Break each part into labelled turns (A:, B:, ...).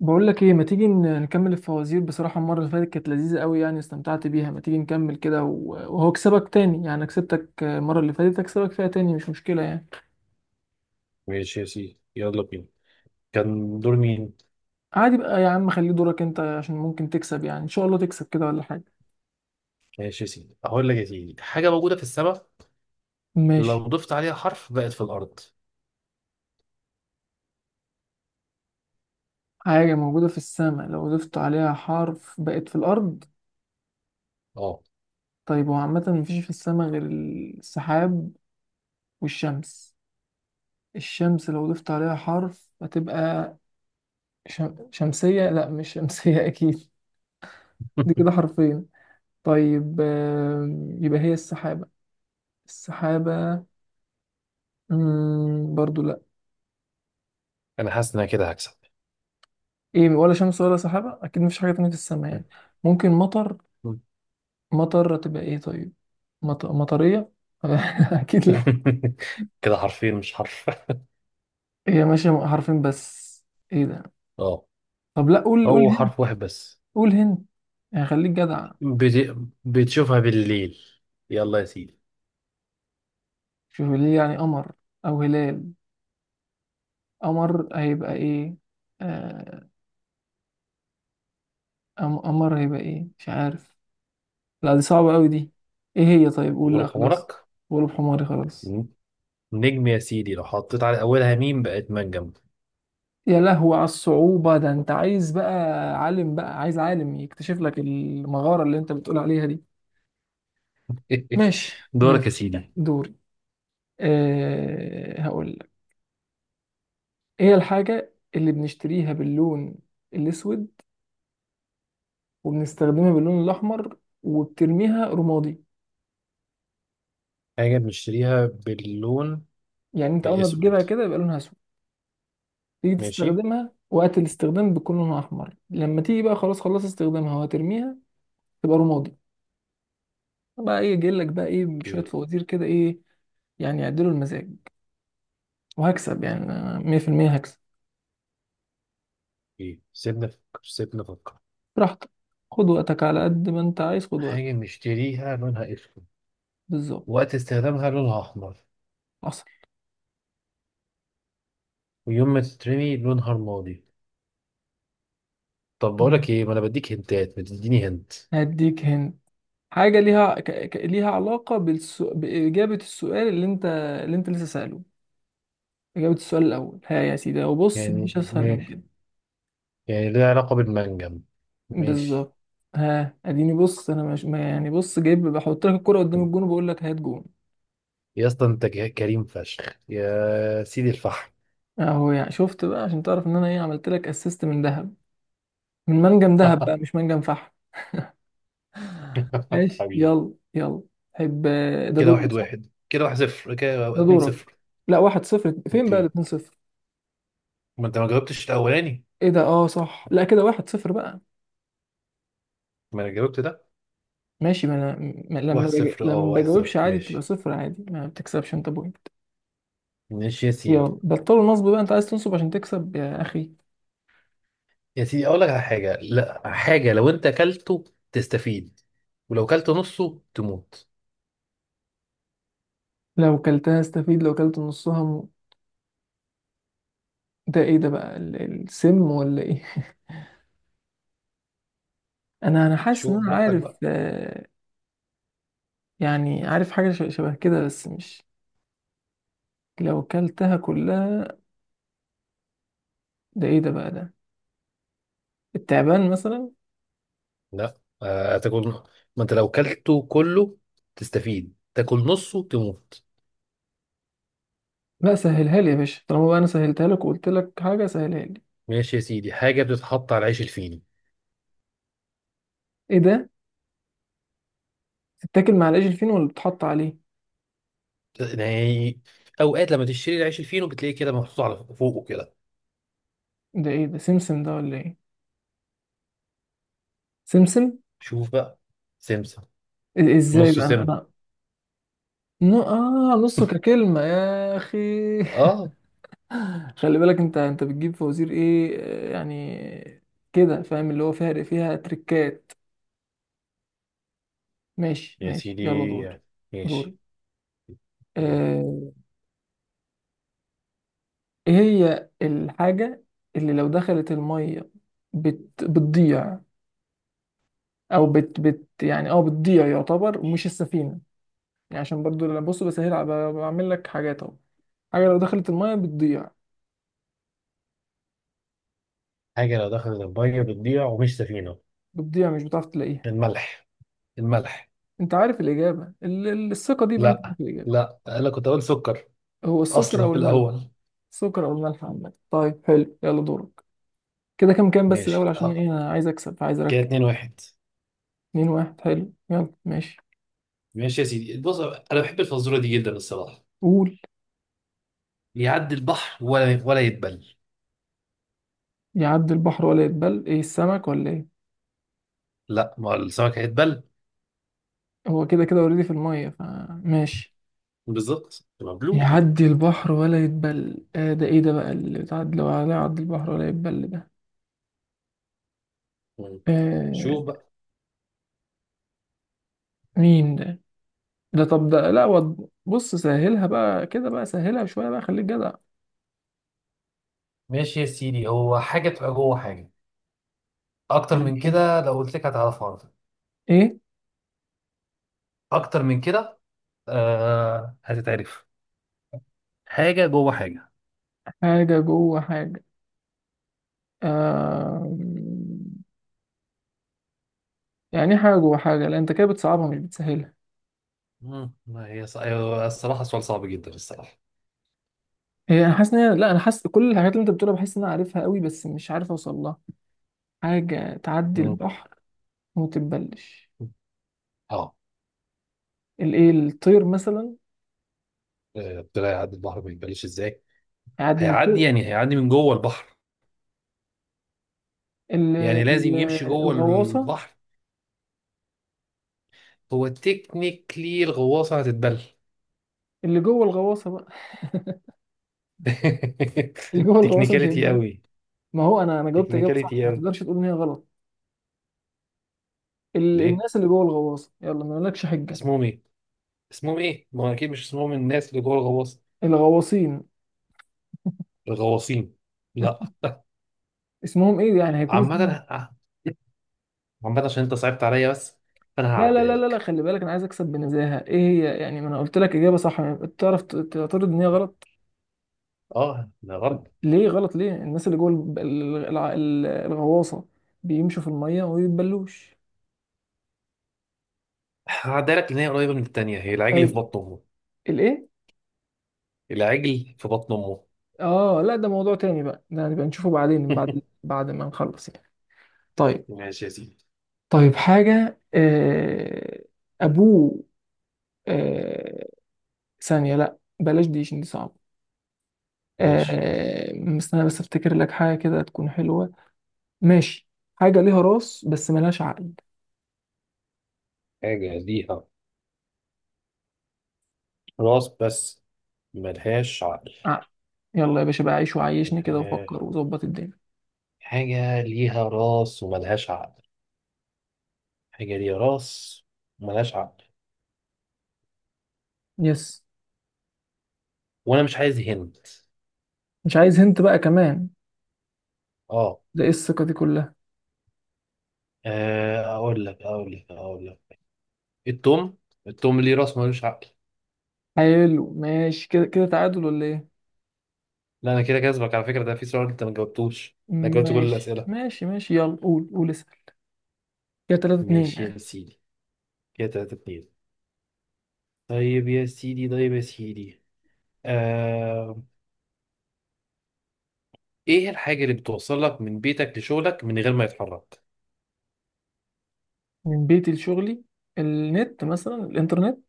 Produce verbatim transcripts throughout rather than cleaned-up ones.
A: بقول لك ايه، ما تيجي ن- نكمل الفوازير؟ بصراحة المرة اللي فاتت كانت لذيذة قوي يعني، استمتعت بيها. ما تيجي نكمل كده و- وهو كسبك تاني؟ يعني كسبتك المرة اللي فاتت، اكسبك فيها تاني مش مشكلة يعني.
B: ماشي يا سيدي، يلا بينا. كان دور مين؟
A: عادي بقى يا عم، خليه دورك انت عشان ممكن تكسب، يعني ان شاء الله تكسب كده ولا حاجة.
B: ماشي يا سيدي، هقول لك يا سيدي حاجة موجودة في السماء لو
A: ماشي.
B: ضفت عليها حرف بقت في الأرض.
A: حاجة موجودة في السماء لو ضفت عليها حرف بقت في الأرض.
B: اه.
A: طيب، هو عامة مفيش في السماء غير السحاب والشمس. الشمس لو ضفت عليها حرف هتبقى شم... شمسية. لا، مش شمسية أكيد. دي كده حرفين. طيب آم، يبقى هي السحابة. السحابة. مم، برضو لا.
B: أنا حاسس إن أنا كده هكسب.
A: ايه، ولا شمس ولا سحابة، اكيد مفيش حاجة تانية في السماء يعني. ممكن مطر. مطر هتبقى ايه طيب؟ مط... مطرية اكيد لا.
B: كده حرفين مش حرف.
A: هي ماشية حرفين بس. ايه ده؟
B: اه،
A: طب لا، قول قول
B: هو
A: هند.
B: حرف واحد بس.
A: قول هند يعني، خليك جدع.
B: بت... بتشوفها بالليل. يلا يا سيدي.
A: شوف ليه يعني قمر، او هلال. قمر هيبقى ايه؟ آه، قم- قمر هيبقى ايه؟ مش عارف. لا دي صعبة قوي دي. ايه هي طيب؟ قول، لا
B: غروب
A: خلاص،
B: حمرك.
A: غلب حماري خلاص.
B: مم. نجم يا سيدي، لو حطيت على أولها ميم بقت منجم.
A: يا لهو على الصعوبة! ده انت عايز بقى عالم، بقى عايز عالم يكتشف لك المغارة اللي انت بتقول عليها دي. ماشي
B: دورك يا
A: ماشي.
B: سيدي.
A: دوري. أه، هقول لك. ايه الحاجة اللي بنشتريها باللون الاسود، وبنستخدمها باللون الاحمر، وبترميها رمادي؟
B: حاجة بنشتريها باللون
A: يعني انت اول ما بتجيبها
B: الأسود.
A: كده يبقى لونها اسود، تيجي
B: ماشي.
A: تستخدمها وقت الاستخدام بيكون لونها احمر، لما تيجي بقى خلاص خلص استخدامها وهترميها تبقى رمادي. بقى ايه جاي لك بقى ايه، شوية فوازير كده ايه يعني، يعدلوا المزاج. وهكسب يعني، أنا مية في المية هكسب.
B: ايه، سيبنا نفكر، سيبنا نفكر.
A: براحتك، خد وقتك على قد ما انت عايز، خد وقتك.
B: حاجة بنشتريها لونها اسود،
A: بالظبط.
B: وقت استخدامها لونها احمر،
A: حصل.
B: ويوم ما تترمي لونها رمادي. طب
A: تمام.
B: بقولك ايه، ما انا بديك هنتات ما تديني هنت.
A: هديك هند، حاجة ليها ك... ك... ليها علاقة بالسو... بإجابة السؤال اللي انت اللي انت لسه سأله. إجابة السؤال الأول. ها يا سيدي، وبص
B: يعني
A: مفيش أسهل من
B: ماشي.
A: كده.
B: يعني ليها علاقة بالمنجم. ماشي.
A: بالظبط. ها اديني، بص انا مش ما يعني بص جايب، بحط لك الكرة قدام الجون وبقول لك هات جون.
B: يا اسطى، انت ك- كريم فشخ يا سيدي الفحم.
A: اهو، يعني شفت بقى عشان تعرف ان انا ايه، عملت لك اسيست من ذهب، من منجم ذهب بقى مش منجم فحم. ماشي،
B: حبيبي.
A: يلا يلا. حب. ده
B: كده
A: دوري
B: واحد
A: صح؟
B: واحد، كده واحد صفر، كده
A: ده
B: اتنين
A: دورك.
B: صفر.
A: لا، واحد صفر فين بقى
B: اوكي،
A: الاتنين صفر؟
B: ما انت ما جاوبتش الاولاني.
A: ايه ده؟ اه صح، لا كده واحد صفر بقى.
B: ما انا جاوبت ده.
A: ماشي، ما انا، ما
B: واحد
A: لما بج...
B: صفر، اه
A: لما
B: واحد
A: بجاوبش
B: صفر
A: عادي بتبقى
B: ماشي.
A: صفر عادي، ما بتكسبش انت بوينت.
B: ماشي يا سيدي.
A: يلا بطلوا النصب بقى، انت عايز تنصب عشان تكسب يا اخي.
B: يا سيدي، اقول لك على حاجه. لا، حاجه لو انت اكلته تستفيد، ولو اكلته نصه تموت.
A: لو كلتها استفيد، لو كلت نصها م... ده ايه ده بقى، ال- السم ولا ايه؟ انا انا حاسس ان
B: شوف
A: انا
B: براحتك
A: عارف،
B: بقى.
A: آه، يعني عارف حاجة ش- شبه كده بس مش. لو كلتها كلها، ده ايه ده بقى، ده التعبان مثلا.
B: لا، آه، تاكل. ما انت لو اكلته كله تستفيد، تاكل نصه تموت.
A: لا سهلها لي يا باشا، طالما بقى انا سهلتها لك وقلت لك حاجه، سهلها لي.
B: ماشي يا سيدي. حاجه بتتحط على العيش الفينو.
A: ايه ده، تتاكل مع العيش الفين ولا بتحط عليه؟
B: يعني اوقات لما تشتري العيش الفينو بتلاقيه كده محطوط على فوقه كده.
A: ده ايه ده، سمسم ده ولا ايه؟ سمسم.
B: شوف بقى. سمسم.
A: إ- ازاي
B: نصه
A: بقى انا
B: سم.
A: انا نو اه، نصه ككلمه يا اخي.
B: اه.
A: خلي بالك، انت انت بتجيب فوازير ايه آه، يعني، كده فاهم اللي هو فيها فيها تريكات. ماشي
B: يا
A: ماشي،
B: سيدي
A: يلا دور. دور.
B: ماشي.
A: آه، ايه هي الحاجه اللي لو دخلت الميه بت... بتضيع، او بت بت يعني اه بتضيع يعتبر مش السفينه؟ يعني عشان برضو لما بص بسهل ع- ب- بعمل لك حاجات اهو. حاجه لو دخلت الميه بتضيع،
B: حاجه لو دخلت الميه بتضيع ومش سفينه.
A: بتضيع مش بتعرف تلاقيها.
B: الملح. الملح.
A: انت عارف الاجابه، ال- ال- الثقه دي بقى انت عارف
B: لا،
A: الاجابه.
B: لا انا كنت اقول سكر
A: هو السكر
B: اصلا
A: او
B: في
A: الملح.
B: الاول.
A: السكر او الملح عامه، طيب حلو، يلا دورك. كده كام كام بس الاول
B: ماشي.
A: عشان ايه،
B: اه،
A: انا عايز اكسب، عايز
B: كده
A: اركب.
B: اتنين واحد.
A: اتنين واحد، حلو يلا ماشي.
B: ماشي يا سيدي، بص انا بحب الفزوره دي جدا الصراحه.
A: قول.
B: يعدي البحر ولا ولا يتبل.
A: يعدي البحر ولا يتبل؟ ايه السمك ولا ايه؟
B: لا، ما هو السمك هيتبل
A: هو كده كده اوريدي في الميه فماشي.
B: بالظبط، مبلول.
A: يعدي البحر ولا يتبل، آه ده ايه ده بقى اللي تعد لو على يعدي البحر ولا يتبل ده؟
B: مم.
A: آه
B: شوف بقى.
A: مين ده؟ ده طب ده لا وض- بص سهلها بقى كده بقى، سهلها شوية بقى، خليك جدع.
B: ماشي يا سيدي. هو حاجه تبقى جوه حاجه. اكتر من
A: ماشي.
B: كده لو قلت لك هتعرفها على طول.
A: ايه؟
B: اكتر من كده. آه، هتتعرف. حاجه جوه حاجه.
A: حاجة جوه حاجة. آه يعني إيه حاجة جوه حاجة؟ لا انت كده بتصعبها مش بتسهلها.
B: مم. ما هي ص- أيوة، الصراحه سؤال صعب جدا الصراحه.
A: هي انا حاسس ان هي، لا انا حاسس كل الحاجات اللي انت بتقولها بحس ان انا عارفها قوي بس مش عارف اوصل لها. حاجة تعدي
B: مم.
A: البحر وما تتبلش.
B: اه.
A: الايه، الطير مثلا؟
B: آه، طلع يعدي البحر ما يبانش ازاي.
A: يعدي من
B: هيعدي،
A: فوق.
B: يعني هيعدي من جوه البحر،
A: ال-
B: يعني لازم
A: ال-
B: يمشي جوه
A: الغواصه.
B: البحر. هو تكنيكلي الغواصه هتتبل.
A: اللي جوه الغواصه بقى اللي جوه الغواصه مش
B: تكنيكاليتي
A: هينفع.
B: قوي.
A: ما هو انا انا جاوبت اجابه صح،
B: تكنيكاليتي
A: ما
B: قوي.
A: تقدرش تقول ان هي غلط. ال-
B: ليه؟
A: الناس اللي جوه الغواصه، يلا ما لكش حجه.
B: اسمهم ايه؟ اسمهم ايه؟ ما هو اكيد مش اسمهم الناس اللي جوه الغواصه.
A: الغواصين.
B: الغواصين؟ لا.
A: اسمهم ايه يعني، هيكون
B: عامه،
A: اسمهم إيه؟
B: عامه عشان انت صعبت عليا بس فانا
A: لا لا
B: هعديها
A: لا لا لا،
B: لك.
A: خلي بالك انا عايز اكسب بنزاهه، ايه هي يعني؟ ما انا قلت لك اجابه صح يعني، تعرف ت- تعترض ان هي غلط؟
B: اه ده غلط.
A: ليه غلط؟ ليه الناس اللي جوه الب- ال- الع- ال- الغواصه بيمشوا في الميه وما بيتبلوش.
B: هعديها لك لان هي قريبه من التانيه. هي العجل في
A: طيب
B: بطن امه.
A: الايه؟
B: العجل في بطن امه.
A: اه لا، ده موضوع تاني بقى، ده هنبقى نشوفه بعدين بعد بعد ما نخلص يعني. طيب.
B: ماشي يا سيدي.
A: طيب حاجة، آه، أبوه. آه، ثانية لأ، بلاش دي عشان دي صعبة.
B: ماشي.
A: آه، مستني بس أفتكر لك حاجة كده تكون حلوة. ماشي. حاجة ليها راس بس ملهاش عقل.
B: حاجة ليها راس بس ملهاش عقل.
A: عقل، يلا يا باشا بقى عيش وعيشني كده
B: ملهاش-
A: وفكر وظبط الدنيا.
B: حاجة ليها راس وملهاش عقل. حاجة ليها راس وملهاش عقل.
A: يس.
B: وأنا مش عايز هند.
A: مش عايز هنت بقى كمان؟
B: اه.
A: ده إيه الثقة دي كلها؟
B: آه، أقول لك أقول لك أقول لك. التوم. التوم ليه راس ملوش عقل.
A: حلو ماشي، كده كده تعادل ولا إيه؟
B: لا، أنا كده كسبك على فكرة، ده في سؤال أنت ما جاوبتوش. أنا جاوبت كل
A: ماشي
B: الأسئلة.
A: ماشي ماشي، يلا قول قول اسأل. كده تلاتة اتنين
B: ماشي
A: يعني.
B: يا سيدي. كده تلاتة اتنين. طيب يا سيدي، طيب يا سيدي. آه... إيه الحاجة اللي بتوصلك من بيتك لشغلك من غير ما يتحرك؟
A: من بيتي لشغلي، النت مثلا، الإنترنت.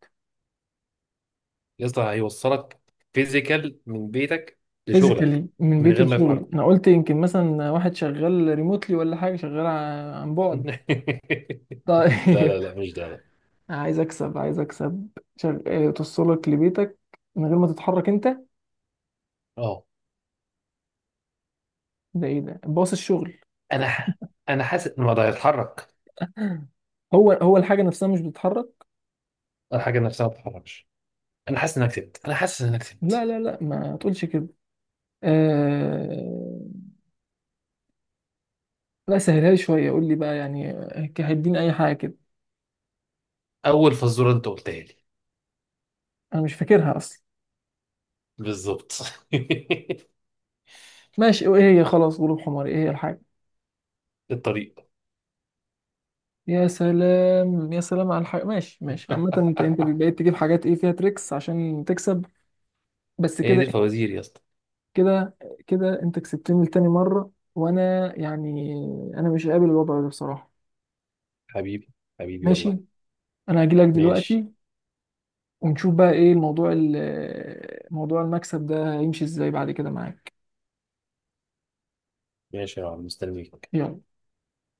B: يا اسطى، هيوصلك فيزيكال من بيتك لشغلك
A: فيزيكالي من
B: من
A: بيتي
B: غير ما
A: لشغلي،
B: يتحرك.
A: انا قلت يمكن مثلا واحد شغال ريموتلي ولا حاجه، شغال ع- عن بعد.
B: لا
A: طيب
B: لا لا، مش ده، لا.
A: عايز اكسب عايز اكسب. شغ... آه، توصلك لبيتك من غير ما تتحرك انت.
B: اه.
A: ده ايه ده، باص الشغل؟
B: انا ح... انا حاسس ان ما ده يتحرك.
A: هو هو الحاجه نفسها مش بتتحرك.
B: الحاجه نفسها ما بتتحركش. انا حاسس انك كسبت، انا حاسس انك
A: لا
B: كسبت.
A: لا لا، ما تقولش كده. آه... لا سهلها لي شويه، قول لي بقى يعني، آه، هيديني اي حاجه كده.
B: اول فزوره انت قلتها لي.
A: انا مش فاكرها اصلا.
B: بالظبط.
A: ماشي، ايه هي؟ خلاص غروب حمار، ايه هي الحاجه؟
B: الطريق.
A: يا سلام يا سلام على الحاجة، ماشي ماشي. عامة انت انت بقيت تجيب حاجات ايه فيها تريكس عشان تكسب. بس
B: هي دي
A: كده.
B: الفوازير يا اسطى.
A: كده، كده انت كسبتني لتاني مرة، وانا يعني، انا مش قابل الوضع ده بصراحة.
B: حبيبي، حبيبي والله.
A: ماشي. انا هجيلك
B: ماشي.
A: دلوقتي ونشوف بقى ايه الموضوع، ال- موضوع المكسب ده هيمشي ازاي بعد كده معاك.
B: ماشي يا عم، مستنيك.
A: يلا